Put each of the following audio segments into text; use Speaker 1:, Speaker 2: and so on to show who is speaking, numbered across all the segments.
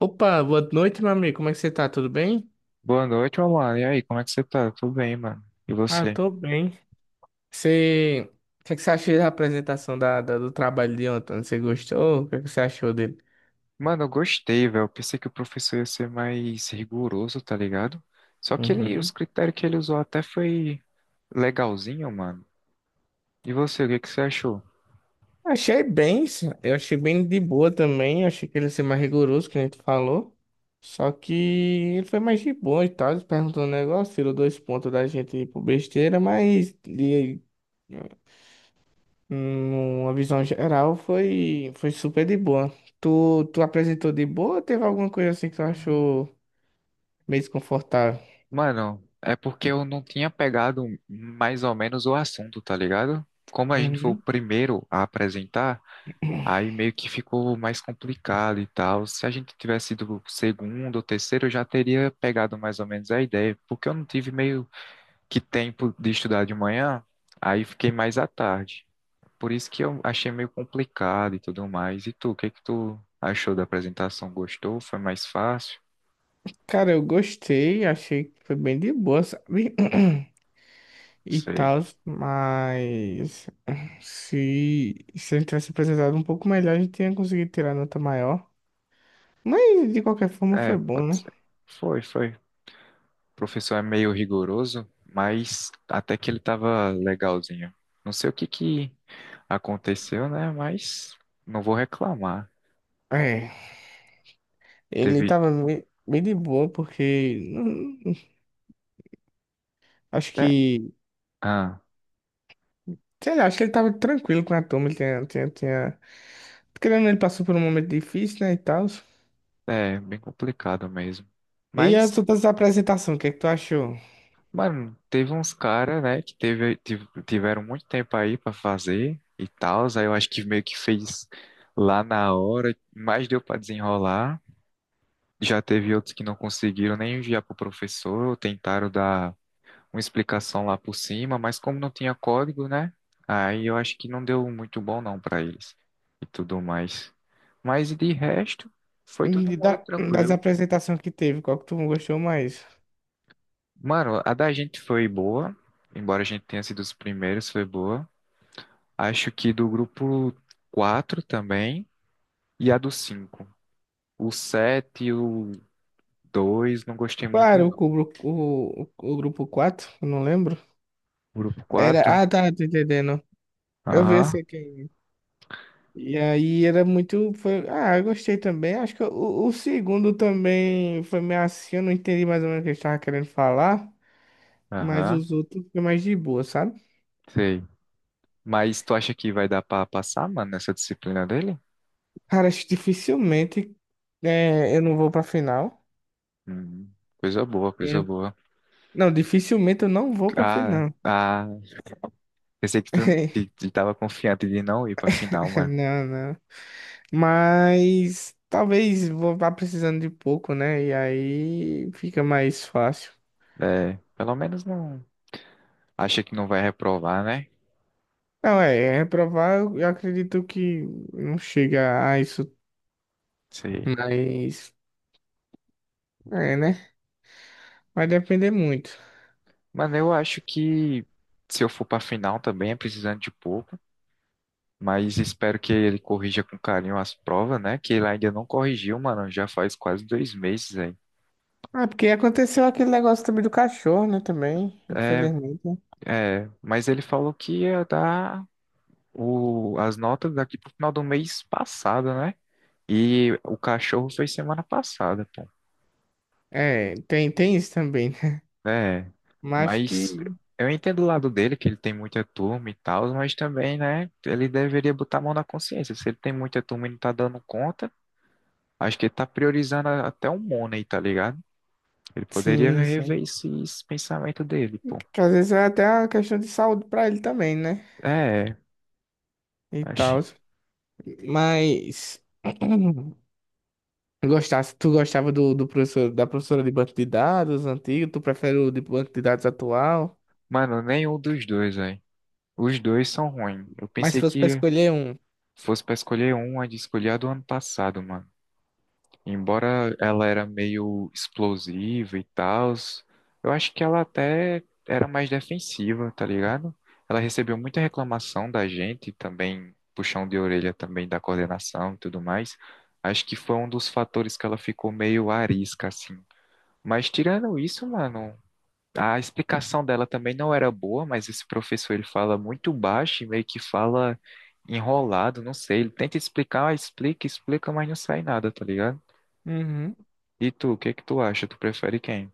Speaker 1: Opa, boa noite, meu amigo. Como é que você tá? Tudo bem?
Speaker 2: Boa noite, meu mano. E aí, como é que você tá? Tudo bem, mano? E
Speaker 1: Ah, eu
Speaker 2: você?
Speaker 1: tô bem. Você... O que é que você achou da apresentação do trabalho de ontem? Você gostou? O que é que você achou dele?
Speaker 2: Mano, eu gostei, velho. Eu pensei que o professor ia ser mais rigoroso, tá ligado? Só que ele, os
Speaker 1: Uhum.
Speaker 2: critérios que ele usou até foi legalzinho, mano. E você, o que que você achou?
Speaker 1: Achei bem, sim. Eu achei bem de boa também. Achei que ele ia ser mais rigoroso, que a gente falou. Só que ele foi mais de boa e tal. Ele perguntou um negócio, tirou dois pontos da gente por besteira, mas ele numa visão geral, foi, foi super de boa. Tu apresentou de boa ou teve alguma coisa assim que tu achou meio desconfortável?
Speaker 2: Mano, é porque eu não tinha pegado mais ou menos o assunto, tá ligado? Como a gente foi o
Speaker 1: Uhum.
Speaker 2: primeiro a apresentar, aí meio que ficou mais complicado e tal. Se a gente tivesse sido o segundo ou terceiro, eu já teria pegado mais ou menos a ideia, porque eu não tive meio que tempo de estudar de manhã, aí fiquei mais à tarde. Por isso que eu achei meio complicado e tudo mais. E tu, o que que tu achou da apresentação? Gostou? Foi mais fácil?
Speaker 1: Cara, eu gostei, achei que foi bem de boa, sabe? E
Speaker 2: Sei.
Speaker 1: tal, mas se ele tivesse apresentado um pouco melhor, a gente tinha conseguido tirar nota maior. Mas de qualquer forma
Speaker 2: É,
Speaker 1: foi bom,
Speaker 2: pode
Speaker 1: né?
Speaker 2: ser. Foi, foi. O professor é meio rigoroso, mas até que ele tava legalzinho. Não sei o que que aconteceu, né? Mas não vou reclamar.
Speaker 1: É, ele
Speaker 2: Teve.
Speaker 1: tava bem, bem de boa, porque acho
Speaker 2: É,
Speaker 1: que...
Speaker 2: ah,
Speaker 1: Sei lá, acho que ele tava tranquilo com a turma, ele tinha... Querendo ou não, ele passou por um momento difícil, né, e tal.
Speaker 2: é bem complicado mesmo.
Speaker 1: E as
Speaker 2: Mas
Speaker 1: outras apresentações, o que é que tu achou?
Speaker 2: mano, teve, uns caras, né, que tiveram muito tempo aí pra fazer e tal, aí eu acho que meio que fez lá na hora, mas deu pra desenrolar. Já teve outros que não conseguiram nem enviar pro professor, tentaram dar uma explicação lá por cima, mas como não tinha código, né, aí eu acho que não deu muito bom não pra eles e tudo mais. Mas de resto, foi todo
Speaker 1: E
Speaker 2: mundo
Speaker 1: da- Das
Speaker 2: tranquilo.
Speaker 1: apresentações que teve, qual que tu gostou mais?
Speaker 2: Mano, a da gente foi boa, embora a gente tenha sido os primeiros, foi boa. Acho que do grupo 4 também e a do 5, o 7 e o 2 não gostei muito,
Speaker 1: Claro, o,
Speaker 2: não.
Speaker 1: cubro- o, o, grupo 4 eu não lembro.
Speaker 2: Grupo
Speaker 1: Era,
Speaker 2: quatro.
Speaker 1: ah, tá, tô entendendo. Eu vi esse
Speaker 2: Aham,
Speaker 1: aqui. E aí era muito, foi, ah, eu gostei também. Acho que o segundo também foi meio assim, eu não entendi mais ou menos o que ele estava querendo falar, mas
Speaker 2: aham,
Speaker 1: os outros foi mais de boa, sabe?
Speaker 2: sei. Mas tu acha que vai dar pra passar, mano, nessa disciplina dele?
Speaker 1: Cara, acho que dificilmente é, eu não vou pra final.
Speaker 2: Hum, coisa boa, coisa
Speaker 1: É.
Speaker 2: boa.
Speaker 1: Não, dificilmente eu não vou pra
Speaker 2: Ah,
Speaker 1: final.
Speaker 2: ah, pensei que tu que, que tava confiante de não ir pra final, mano.
Speaker 1: Não, não. Mas talvez vou vá precisando de pouco, né? E aí fica mais fácil.
Speaker 2: É, pelo menos não. Acha que não vai reprovar, né?
Speaker 1: Não, é, é reprovar, eu acredito que não chega a isso.
Speaker 2: Sei.
Speaker 1: Mas, é, né? Vai depender muito.
Speaker 2: Mano, eu acho que se eu for pra final também é precisando de pouco. Mas espero que ele corrija com carinho as provas, né? Que ele ainda não corrigiu, mano. Já faz quase 2 meses aí.
Speaker 1: Ah, porque aconteceu aquele negócio também do cachorro, né? Também,
Speaker 2: É,
Speaker 1: infelizmente.
Speaker 2: é. Mas ele falou que ia dar as notas daqui pro final do mês passado, né? E o cachorro foi semana passada, pô.
Speaker 1: É, tem, tem isso também, né?
Speaker 2: É.
Speaker 1: Mas
Speaker 2: Mas
Speaker 1: que...
Speaker 2: eu entendo o lado dele, que ele tem muita turma e tal, mas também, né? Ele deveria botar a mão na consciência. Se ele tem muita turma e não tá dando conta, acho que ele tá priorizando até o Money, tá ligado? Ele poderia
Speaker 1: Sim,
Speaker 2: rever
Speaker 1: sim.
Speaker 2: esse pensamento dele, pô.
Speaker 1: Que às vezes é até uma questão de saúde pra ele também, né?
Speaker 2: É,
Speaker 1: E
Speaker 2: acho.
Speaker 1: tal. Mas gostasse, tu gostava do professor, da professora de banco de dados antigo, tu prefere o de banco de dados atual?
Speaker 2: Mano, nenhum dos dois, velho. Os dois são ruins. Eu
Speaker 1: Mas se
Speaker 2: pensei
Speaker 1: fosse pra
Speaker 2: que
Speaker 1: escolher um.
Speaker 2: fosse pra escolher um, a de escolher a do ano passado, mano. Embora ela era meio explosiva e tal, eu acho que ela até era mais defensiva, tá ligado? Ela recebeu muita reclamação da gente, também puxão de orelha também da coordenação e tudo mais. Acho que foi um dos fatores que ela ficou meio arisca, assim. Mas tirando isso, mano, a explicação dela também não era boa, mas esse professor ele fala muito baixo e meio que fala enrolado, não sei. Ele tenta explicar, ah, explica, explica, mas não sai nada, tá ligado?
Speaker 1: Uhum.
Speaker 2: E tu, o que é que tu acha? Tu prefere quem?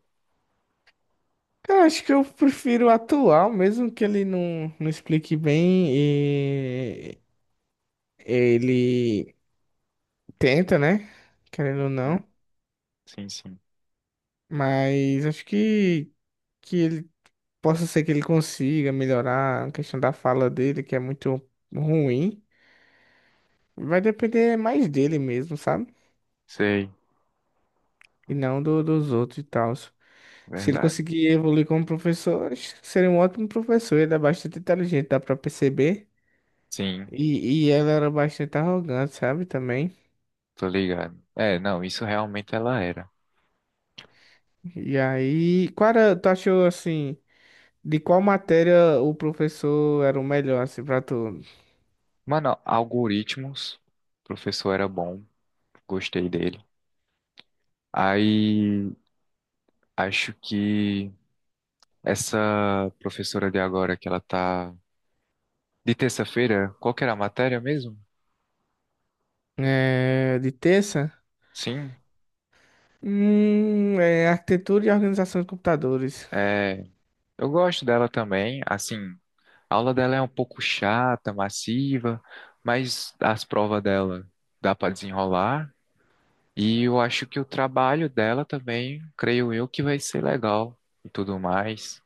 Speaker 1: Eu acho que eu prefiro o atual, mesmo que ele não explique bem e ele tenta, né? Querendo ou não.
Speaker 2: Hum? Sim, sim.
Speaker 1: Mas acho que ele... Possa ser que ele consiga melhorar a questão da fala dele, que é muito ruim. Vai depender mais dele mesmo, sabe?
Speaker 2: Sei,
Speaker 1: E não dos outros e tal. Se ele
Speaker 2: verdade.
Speaker 1: conseguir evoluir como professor, acho que seria um ótimo professor. Ele é bastante inteligente, dá pra perceber.
Speaker 2: Sim,
Speaker 1: E ela era bastante arrogante, sabe? Também.
Speaker 2: tô ligado. É, não, isso realmente ela era.
Speaker 1: E aí, qual era, tu achou assim, de qual matéria o professor era o melhor, assim, pra tu?
Speaker 2: Mano, algoritmos, o professor era bom, gostei dele. Aí, acho que essa professora de agora que ela tá de terça-feira, qual que era a matéria mesmo?
Speaker 1: É, de terça?
Speaker 2: Sim,
Speaker 1: É arquitetura e organização de computadores.
Speaker 2: é, eu gosto dela também, assim, a aula dela é um pouco chata, massiva, mas as provas dela dá para desenrolar, e eu acho que o trabalho dela também, creio eu, que vai ser legal e tudo mais.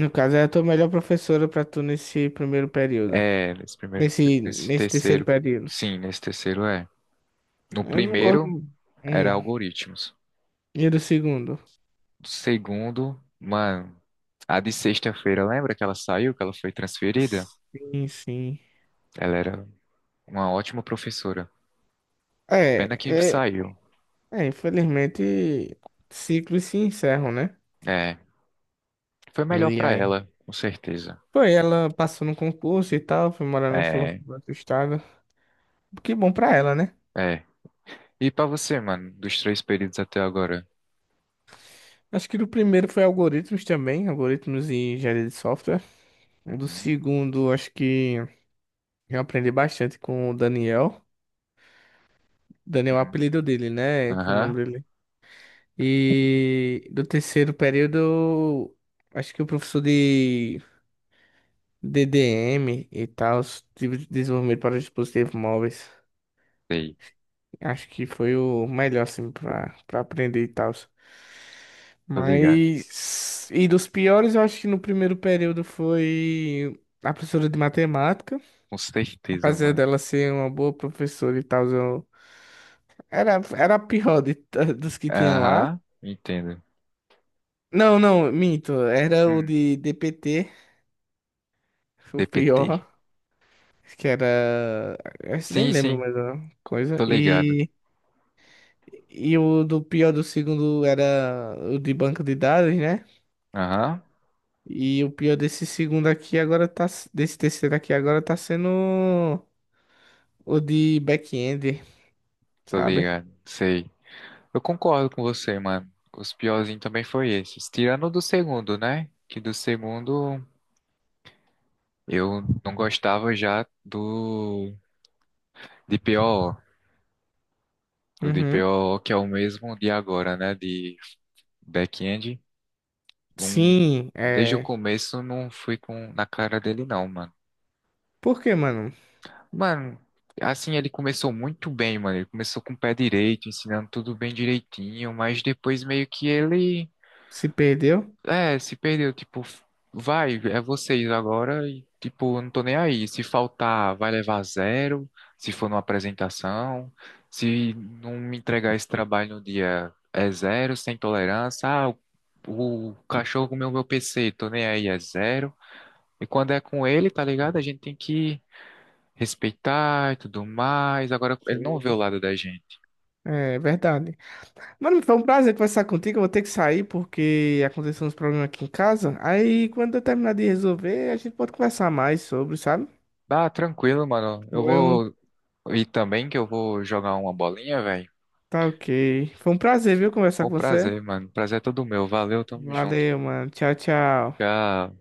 Speaker 1: No caso, é a tua melhor professora pra tu nesse primeiro período.
Speaker 2: É, nesse primeiro,
Speaker 1: Nesse,
Speaker 2: nesse
Speaker 1: nesse terceiro
Speaker 2: terceiro,
Speaker 1: período.
Speaker 2: sim, nesse terceiro é. No
Speaker 1: Eu não gosto.
Speaker 2: primeiro era
Speaker 1: Hum.
Speaker 2: algoritmos.
Speaker 1: E do segundo?
Speaker 2: No segundo, mano, a de sexta-feira, lembra que ela saiu, que ela foi transferida?
Speaker 1: Sim, sim.
Speaker 2: Ela era uma ótima professora. Pena que
Speaker 1: É, é,
Speaker 2: saiu.
Speaker 1: infelizmente, ciclos se encerram, né?
Speaker 2: É, foi melhor
Speaker 1: E
Speaker 2: pra
Speaker 1: aí?
Speaker 2: ela, com certeza.
Speaker 1: Foi, ela passou no concurso e tal, foi morar
Speaker 2: É,
Speaker 1: no outro estado. Que bom pra ela, né?
Speaker 2: é. E pra você, mano, dos três períodos até agora?
Speaker 1: Acho que o primeiro foi algoritmos também, algoritmos e engenharia de software. O do
Speaker 2: Uhum.
Speaker 1: segundo, acho que eu aprendi bastante com o Daniel. Daniel é o
Speaker 2: Uhum,
Speaker 1: apelido dele, né? Que é o
Speaker 2: aham,
Speaker 1: nome dele. E do terceiro período, acho que o professor de DDM e tal, os de desenvolvimento para dispositivos móveis.
Speaker 2: sei.
Speaker 1: Acho que foi o melhor, assim, para aprender e tal.
Speaker 2: Tô ligado.
Speaker 1: Mas... E dos piores, eu acho que no primeiro período foi a professora de matemática.
Speaker 2: Com certeza,
Speaker 1: Apesar
Speaker 2: mano.
Speaker 1: dela ser uma boa professora e tal, era a pior dos que tinham lá.
Speaker 2: Aham, entendo.
Speaker 1: Não, não, minto. Era o
Speaker 2: Hum,
Speaker 1: de DPT, foi o
Speaker 2: DPT.
Speaker 1: pior. Que era. Esse nem
Speaker 2: Sim,
Speaker 1: lembro
Speaker 2: sim,
Speaker 1: mais a coisa.
Speaker 2: tô ligado.
Speaker 1: E o do pior do segundo era o de banco de dados, né?
Speaker 2: Aham,
Speaker 1: E o pior desse segundo aqui agora tá. Desse terceiro aqui agora tá sendo o de back-end,
Speaker 2: tô
Speaker 1: sabe?
Speaker 2: ligado. Sei. Eu concordo com você, mano. Os piorzinhos também foi esses. Tirando o do segundo, né? Que do segundo eu não gostava já do DPO, o
Speaker 1: Uhum.
Speaker 2: DPO que é o mesmo de agora, né? De back-end. Um,
Speaker 1: Sim,
Speaker 2: desde o
Speaker 1: é.
Speaker 2: começo não fui com na cara dele não, mano.
Speaker 1: Por que, mano?
Speaker 2: Mano, assim ele começou muito bem, mano. Ele começou com o pé direito, ensinando tudo bem direitinho, mas depois meio que ele
Speaker 1: Se perdeu?
Speaker 2: é, se perdeu, tipo, vai, é vocês agora e, tipo, eu não tô nem aí. Se faltar, vai levar zero, se for numa apresentação, se não me entregar esse trabalho no dia, é zero, sem tolerância. Ah, o cachorro comeu meu PC, tô nem aí, é zero. E quando é com ele, tá ligado? A gente tem que respeitar e tudo mais. Agora, ele não vê o
Speaker 1: Sim.
Speaker 2: lado da gente.
Speaker 1: É verdade. Mano, foi um prazer conversar contigo. Eu vou ter que sair porque aconteceu uns problemas aqui em casa. Aí, quando eu terminar de resolver, a gente pode conversar mais sobre, sabe?
Speaker 2: Ah, tranquilo, mano, eu
Speaker 1: Foi um...
Speaker 2: vou ir também, que eu vou jogar uma bolinha, velho.
Speaker 1: Tá ok. Foi um prazer, viu, conversar
Speaker 2: O
Speaker 1: com você.
Speaker 2: prazer, mano. Prazer é todo meu. Valeu, tamo junto.
Speaker 1: Valeu, mano. Tchau, tchau.
Speaker 2: Já